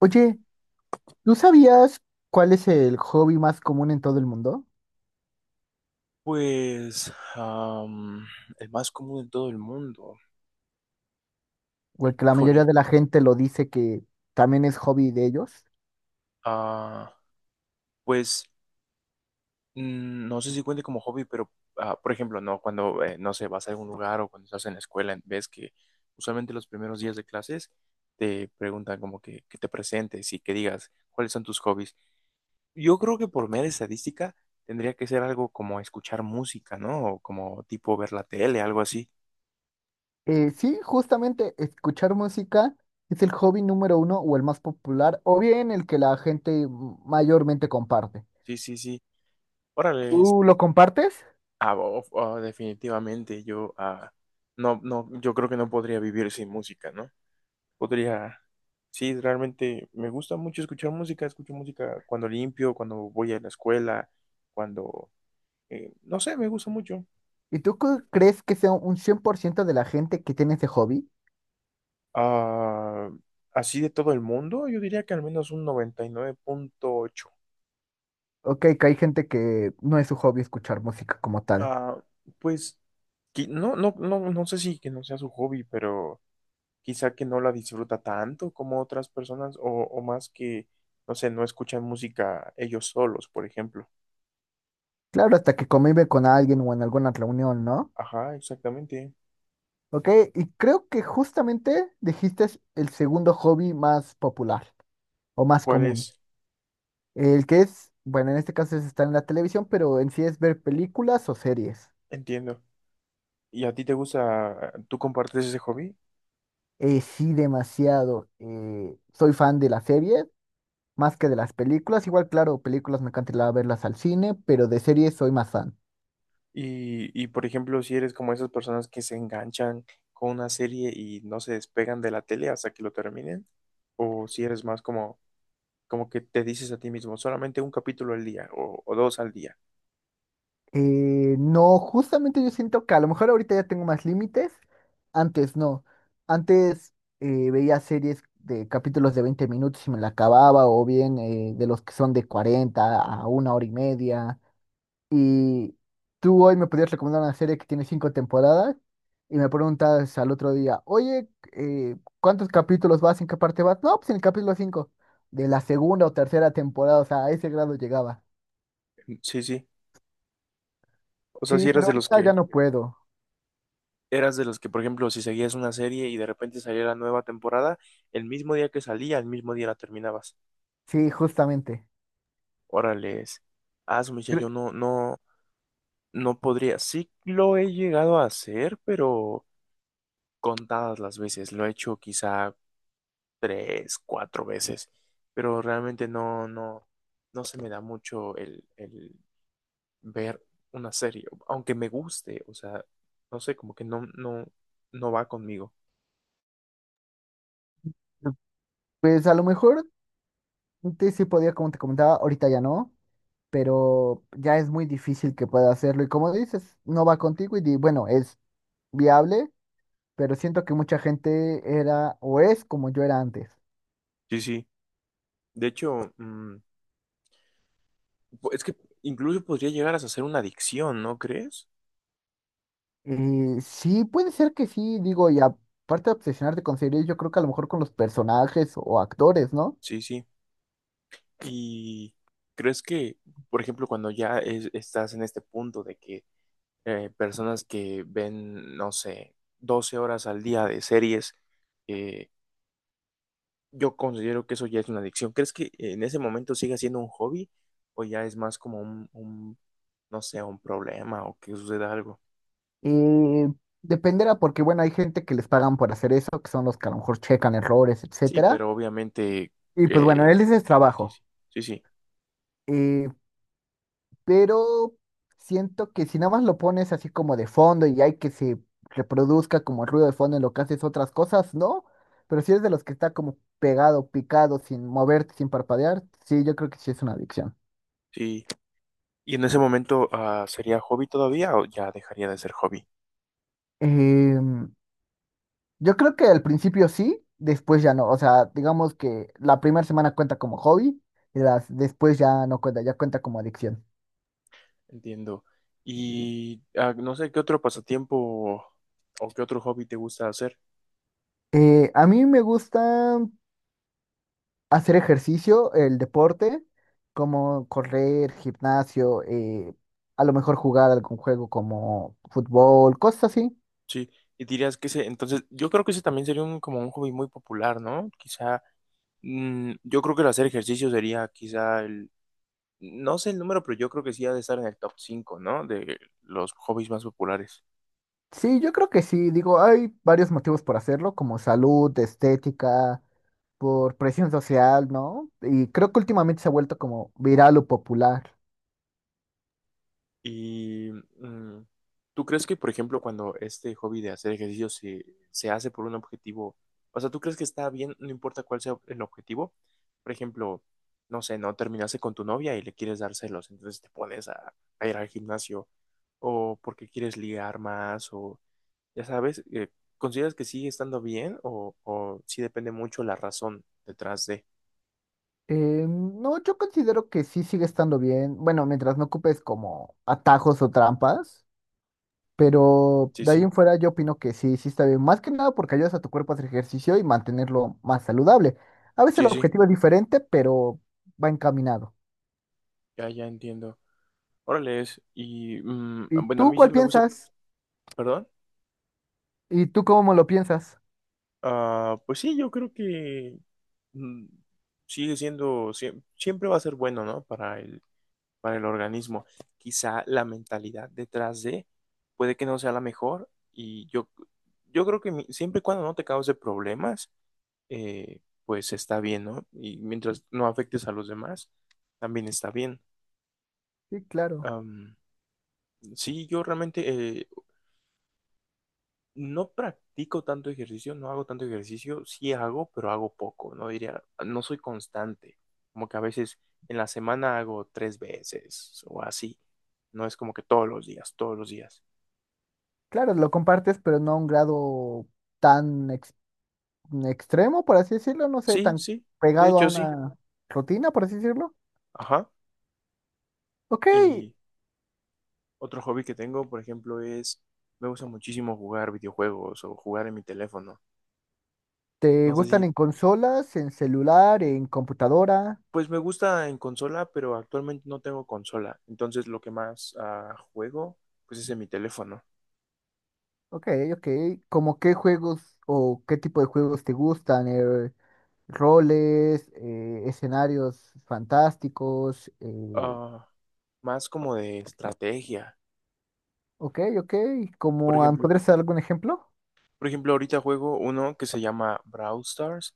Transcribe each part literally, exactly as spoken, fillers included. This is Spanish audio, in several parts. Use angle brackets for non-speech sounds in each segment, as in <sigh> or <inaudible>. Oye, ¿tú sabías cuál es el hobby más común en todo el mundo? Pues, am, el más común en todo el mundo. O el que la mayoría Híjole. de la gente lo dice que también es hobby de ellos. ah, pues mm, no sé si cuente como hobby, pero ah, por ejemplo, no, cuando eh, no sé, vas a algún lugar o cuando estás en la escuela, ves que usualmente los primeros días de clases te preguntan como que, que te presentes y que digas cuáles son tus hobbies. Yo creo que por mera estadística tendría que ser algo como escuchar música, ¿no? O como tipo ver la tele, algo así. Eh, sí, justamente escuchar música es el hobby número uno o el más popular, o bien el que la gente mayormente comparte. Sí, sí, sí. Órale. ¿Tú lo compartes? Ah, bo- ah, definitivamente yo ah, no, no, yo creo que no podría vivir sin música, ¿no? Podría, sí, realmente me gusta mucho escuchar música, escucho música cuando limpio, cuando voy a la escuela, cuando, eh, no sé, me gusta mucho. ¿Y tú cu- crees que sea un cien por ciento de la gente que tiene ese hobby? Ah, Así de todo el mundo, yo diría que al menos un noventa y nueve punto ocho. Ok, que hay gente que no es su hobby escuchar música como tal. Ah, pues, que- no, no, no, no sé si que no sea su hobby, pero... quizá que no la disfruta tanto como otras personas o, o más que, no sé, no escuchan música ellos solos, por ejemplo. Claro, hasta que convive con alguien o en alguna reunión, ¿no? Ajá, exactamente. Ok, y creo que justamente dijiste es el segundo hobby más popular o más ¿Cuál común. es? El que es, bueno, en este caso es estar en la televisión, pero en sí es ver películas o series. Entiendo. ¿Y a ti te gusta, tú compartes ese hobby? Eh, sí, demasiado. Eh, soy fan de las series más que de las películas. Igual, claro, películas me encanta ir a verlas al cine, pero de series soy más fan. Y, y por ejemplo, si eres como esas personas que se enganchan con una serie y no se despegan de la tele hasta que lo terminen, o si eres más como, como que te dices a ti mismo, solamente un capítulo al día o, o dos al día. Eh, no, justamente yo siento que a lo mejor ahorita ya tengo más límites. Antes no. Antes eh, veía series de capítulos de veinte minutos y me la acababa, o bien eh, de los que son de cuarenta a una hora y media. Y tú hoy me podías recomendar una serie que tiene cinco temporadas y me preguntas al otro día, oye, eh, ¿cuántos capítulos vas? ¿En qué parte vas? No, pues en el capítulo cinco de la segunda o tercera temporada, o sea, a ese grado llegaba. Mm, sí, sí. O sea, Sí, si pero eras de los ahorita ya que no puedo. eras de los que, por ejemplo, si seguías una serie y de repente salía la nueva temporada, el mismo día que salía, el mismo día la terminabas. Sí, justamente. Órales. Ah, su mecha, yo Cre- no, no, no podría. Sí lo he llegado a hacer, pero contadas las veces. Lo he hecho quizá tres, cuatro veces. Pero realmente no, no, no se me da mucho el, el ver una serie, aunque me guste, o sea, no sé, como que no, no, no va conmigo. Pues a lo mejor antes sí podía, como te comentaba, ahorita ya no, pero ya es muy difícil que pueda hacerlo. Y como dices, no va contigo y di- bueno, es viable, pero siento que mucha gente era o es como yo era antes. Sí, sí. De hecho, mm, es que incluso podría llegar a ser una adicción, ¿no crees? Eh, sí, puede ser que sí, digo, y aparte de obsesionarte con series, yo creo que a lo mejor con los personajes o actores, ¿no? Sí, sí. ¿Y crees que, por ejemplo, cuando ya es- estás en este punto de que eh, personas que ven, no sé, doce horas al día de series, eh, yo considero que eso ya es una adicción? ¿Crees que en ese momento siga siendo un hobby o ya es más como un, un, no sé, un problema o que suceda algo? Eh, Dependerá porque, bueno, hay gente que les pagan por hacer eso, que son los que a lo mejor checan errores, Sí, etcétera. pero obviamente, Y pues bueno, eh, él ese es sí, trabajo. sí, sí, sí, Eh, pero siento que si nada más lo pones así como de fondo y hay que se reproduzca como ruido de fondo en lo que haces otras cosas, ¿no? Pero si eres de los que está como pegado, picado, sin moverte, sin parpadear, sí, yo creo que sí es una adicción. sí. Y en ese momento, ah, ¿sería hobby todavía o ya dejaría de ser hobby? Em, yo creo que al principio sí, después ya no. O sea, digamos que la primera semana cuenta como hobby y las, después ya no cuenta, ya cuenta como adicción. Entiendo. Y ah, no sé qué otro pasatiempo o qué otro hobby te gusta hacer. Eh, a mí me gusta hacer ejercicio, el deporte, como correr, gimnasio, eh, a lo mejor jugar algún juego como fútbol, cosas así. Sí, y dirías que ese, entonces, yo creo que ese también sería un, como un hobby muy popular, ¿no? Quizá, mm, yo creo que el hacer ejercicio sería quizá el, no sé el número, pero yo creo que sí ha de estar en el top cinco, ¿no? De los hobbies más populares. Sí, yo creo que sí, digo, hay varios motivos por hacerlo, como salud, estética, por presión social, ¿no? Y creo que últimamente se ha vuelto como viral o popular. Y mm, ¿tú crees que, por ejemplo, cuando este hobby de hacer ejercicio se, se hace por un objetivo, o sea, tú crees que está bien, no importa cuál sea el objetivo? Por ejemplo, no sé, no terminaste con tu novia y le quieres dar celos, entonces te pones a, a, ir al gimnasio, o porque quieres ligar más, o ya sabes, eh, ¿consideras que sigue estando bien o, o sí depende mucho la razón detrás de? Eh, no, yo considero que sí sigue estando bien, bueno, mientras no ocupes como atajos o trampas. Pero Sí, de ahí sí, en fuera yo opino que sí, sí está bien. Más que nada porque ayudas a tu cuerpo a hacer ejercicio y mantenerlo más saludable. A veces el sí, sí, objetivo es diferente, pero va encaminado. ya, ya entiendo. Órale, es- y mm, ¿Y bueno, a tú mí sí cuál me gusta, piensas? perdón. ¿Y tú cómo lo piensas? Ah, pues sí, yo creo que mm, sigue siendo, siem- siempre va a ser bueno, ¿no? Para el, para el organismo. Quizá la mentalidad detrás de puede que no sea la mejor y yo, yo creo que mi- siempre y cuando no te cause problemas, eh, pues está bien, ¿no? Y mientras no afectes a los demás, también está bien. Sí, claro. Am, sí, yo realmente eh, no practico tanto ejercicio, no hago tanto ejercicio, sí hago, pero hago poco, no diría, no soy constante, como que a veces en la semana hago tres veces o así, no es como que todos los días, todos los días. Claro, lo compartes, pero no a un grado tan ex- extremo, por así decirlo. No sé, Sí, tan sí, de pegado a hecho sí, una rutina, por así decirlo. ajá. Ok, Y otro hobby que tengo, por ejemplo, es, me gusta muchísimo jugar videojuegos o jugar en mi teléfono. ¿te No sé si, gustan en consolas, en celular, en computadora? pues me gusta en consola, pero actualmente no tengo consola, entonces lo que más ah, juego, pues es en mi teléfono. Ok, ok. ¿Cómo qué juegos o qué tipo de juegos te gustan? Eh, roles, eh, escenarios fantásticos. eh, Ah, Más como de estrategia. Ok, ok. Por ¿Cómo, am- ejemplo, podrías dar algún ejemplo? por ejemplo, ahorita juego uno que se llama Brawl Stars.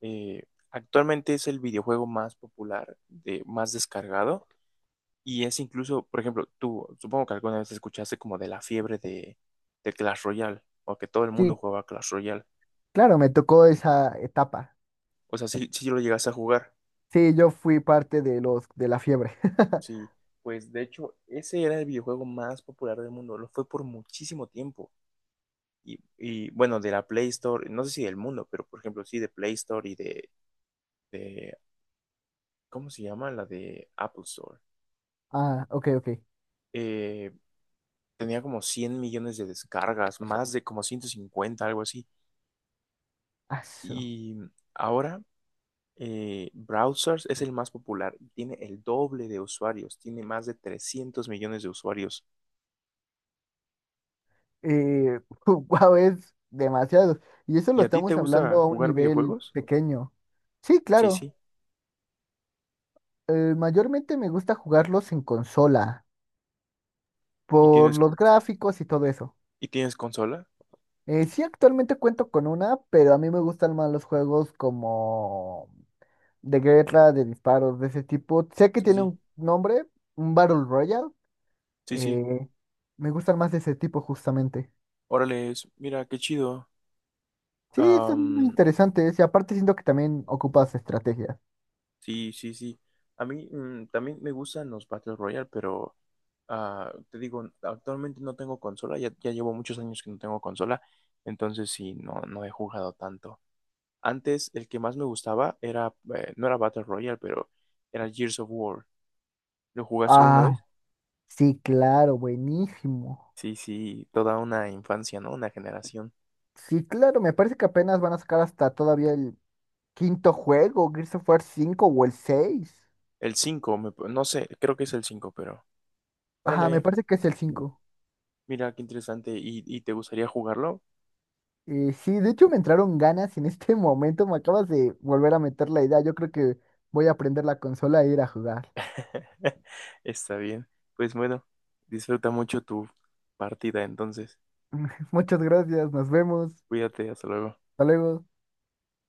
Eh, Actualmente es el videojuego más popular, de, más descargado. Y es incluso, por ejemplo, tú, supongo que alguna vez escuchaste como de la fiebre de, de, Clash Royale, o que todo el mundo Sí, jugaba Clash Royale. claro, me tocó esa etapa. O sea, si, si lo llegas a jugar, Sí, yo fui parte de los de la fiebre. <laughs> sí. Pues de hecho, ese era el videojuego más popular del mundo, lo fue por muchísimo tiempo. y, y, bueno, de la Play Store, no sé si del mundo, pero por ejemplo, sí, de Play Store y de, de ¿cómo se llama? La de Apple Store. Ah, ok, ok. Eh, Tenía como cien millones de descargas, más de como ciento cincuenta, algo así. Aso. Y ahora, eh, Browsers es el más popular, tiene el doble de usuarios, tiene más de trescientos millones de usuarios. Eh, <laughs> wow, es demasiado. Y eso ¿Y lo a ti te estamos hablando gusta a un jugar nivel videojuegos? pequeño. Sí, Sí, claro. sí. Eh, mayormente me gusta jugarlos en consola, ¿Y por tienes, los gráficos y todo eso. y tienes consola? Eh, sí, actualmente cuento con una, pero a mí me gustan más los juegos como de guerra, de disparos, de ese tipo. Sé que Sí, tiene sí, un nombre, un Battle Royale. sí, sí. eh, Me gustan más de ese tipo justamente. Órale, mira, qué chido. Sí, están muy Am, interesantes y aparte siento que también ocupas estrategias. Sí, sí, sí. A mí mm, también me gustan los Battle Royale, pero ah, te digo, actualmente no tengo consola, ya, ya llevo muchos años que no tengo consola, entonces sí, no, no he jugado tanto. Antes el que más me gustaba era, eh, no era Battle Royale, pero era Gears of War. ¿Lo jugaste alguna vez? Ah, sí, claro, buenísimo. Sí, sí, toda una infancia, ¿no? Una generación. Sí, claro, me parece que apenas van a sacar hasta todavía el quinto juego, Gears of War cinco o el seis. El cinco, me- no sé, creo que es el cinco, pero Ajá, me órale, parece que es el cinco. mira qué interesante. ¿Y, y te gustaría jugarlo? Eh, sí, de hecho me entraron ganas en este <laughs> momento, me acabas de volver a meter la idea, yo creo que voy a prender la consola e ir a jugar. <laughs> Está bien. Pues bueno, disfruta mucho tu partida entonces. <laughs> Muchas gracias, nos vemos, Cuídate, hasta luego. hasta luego.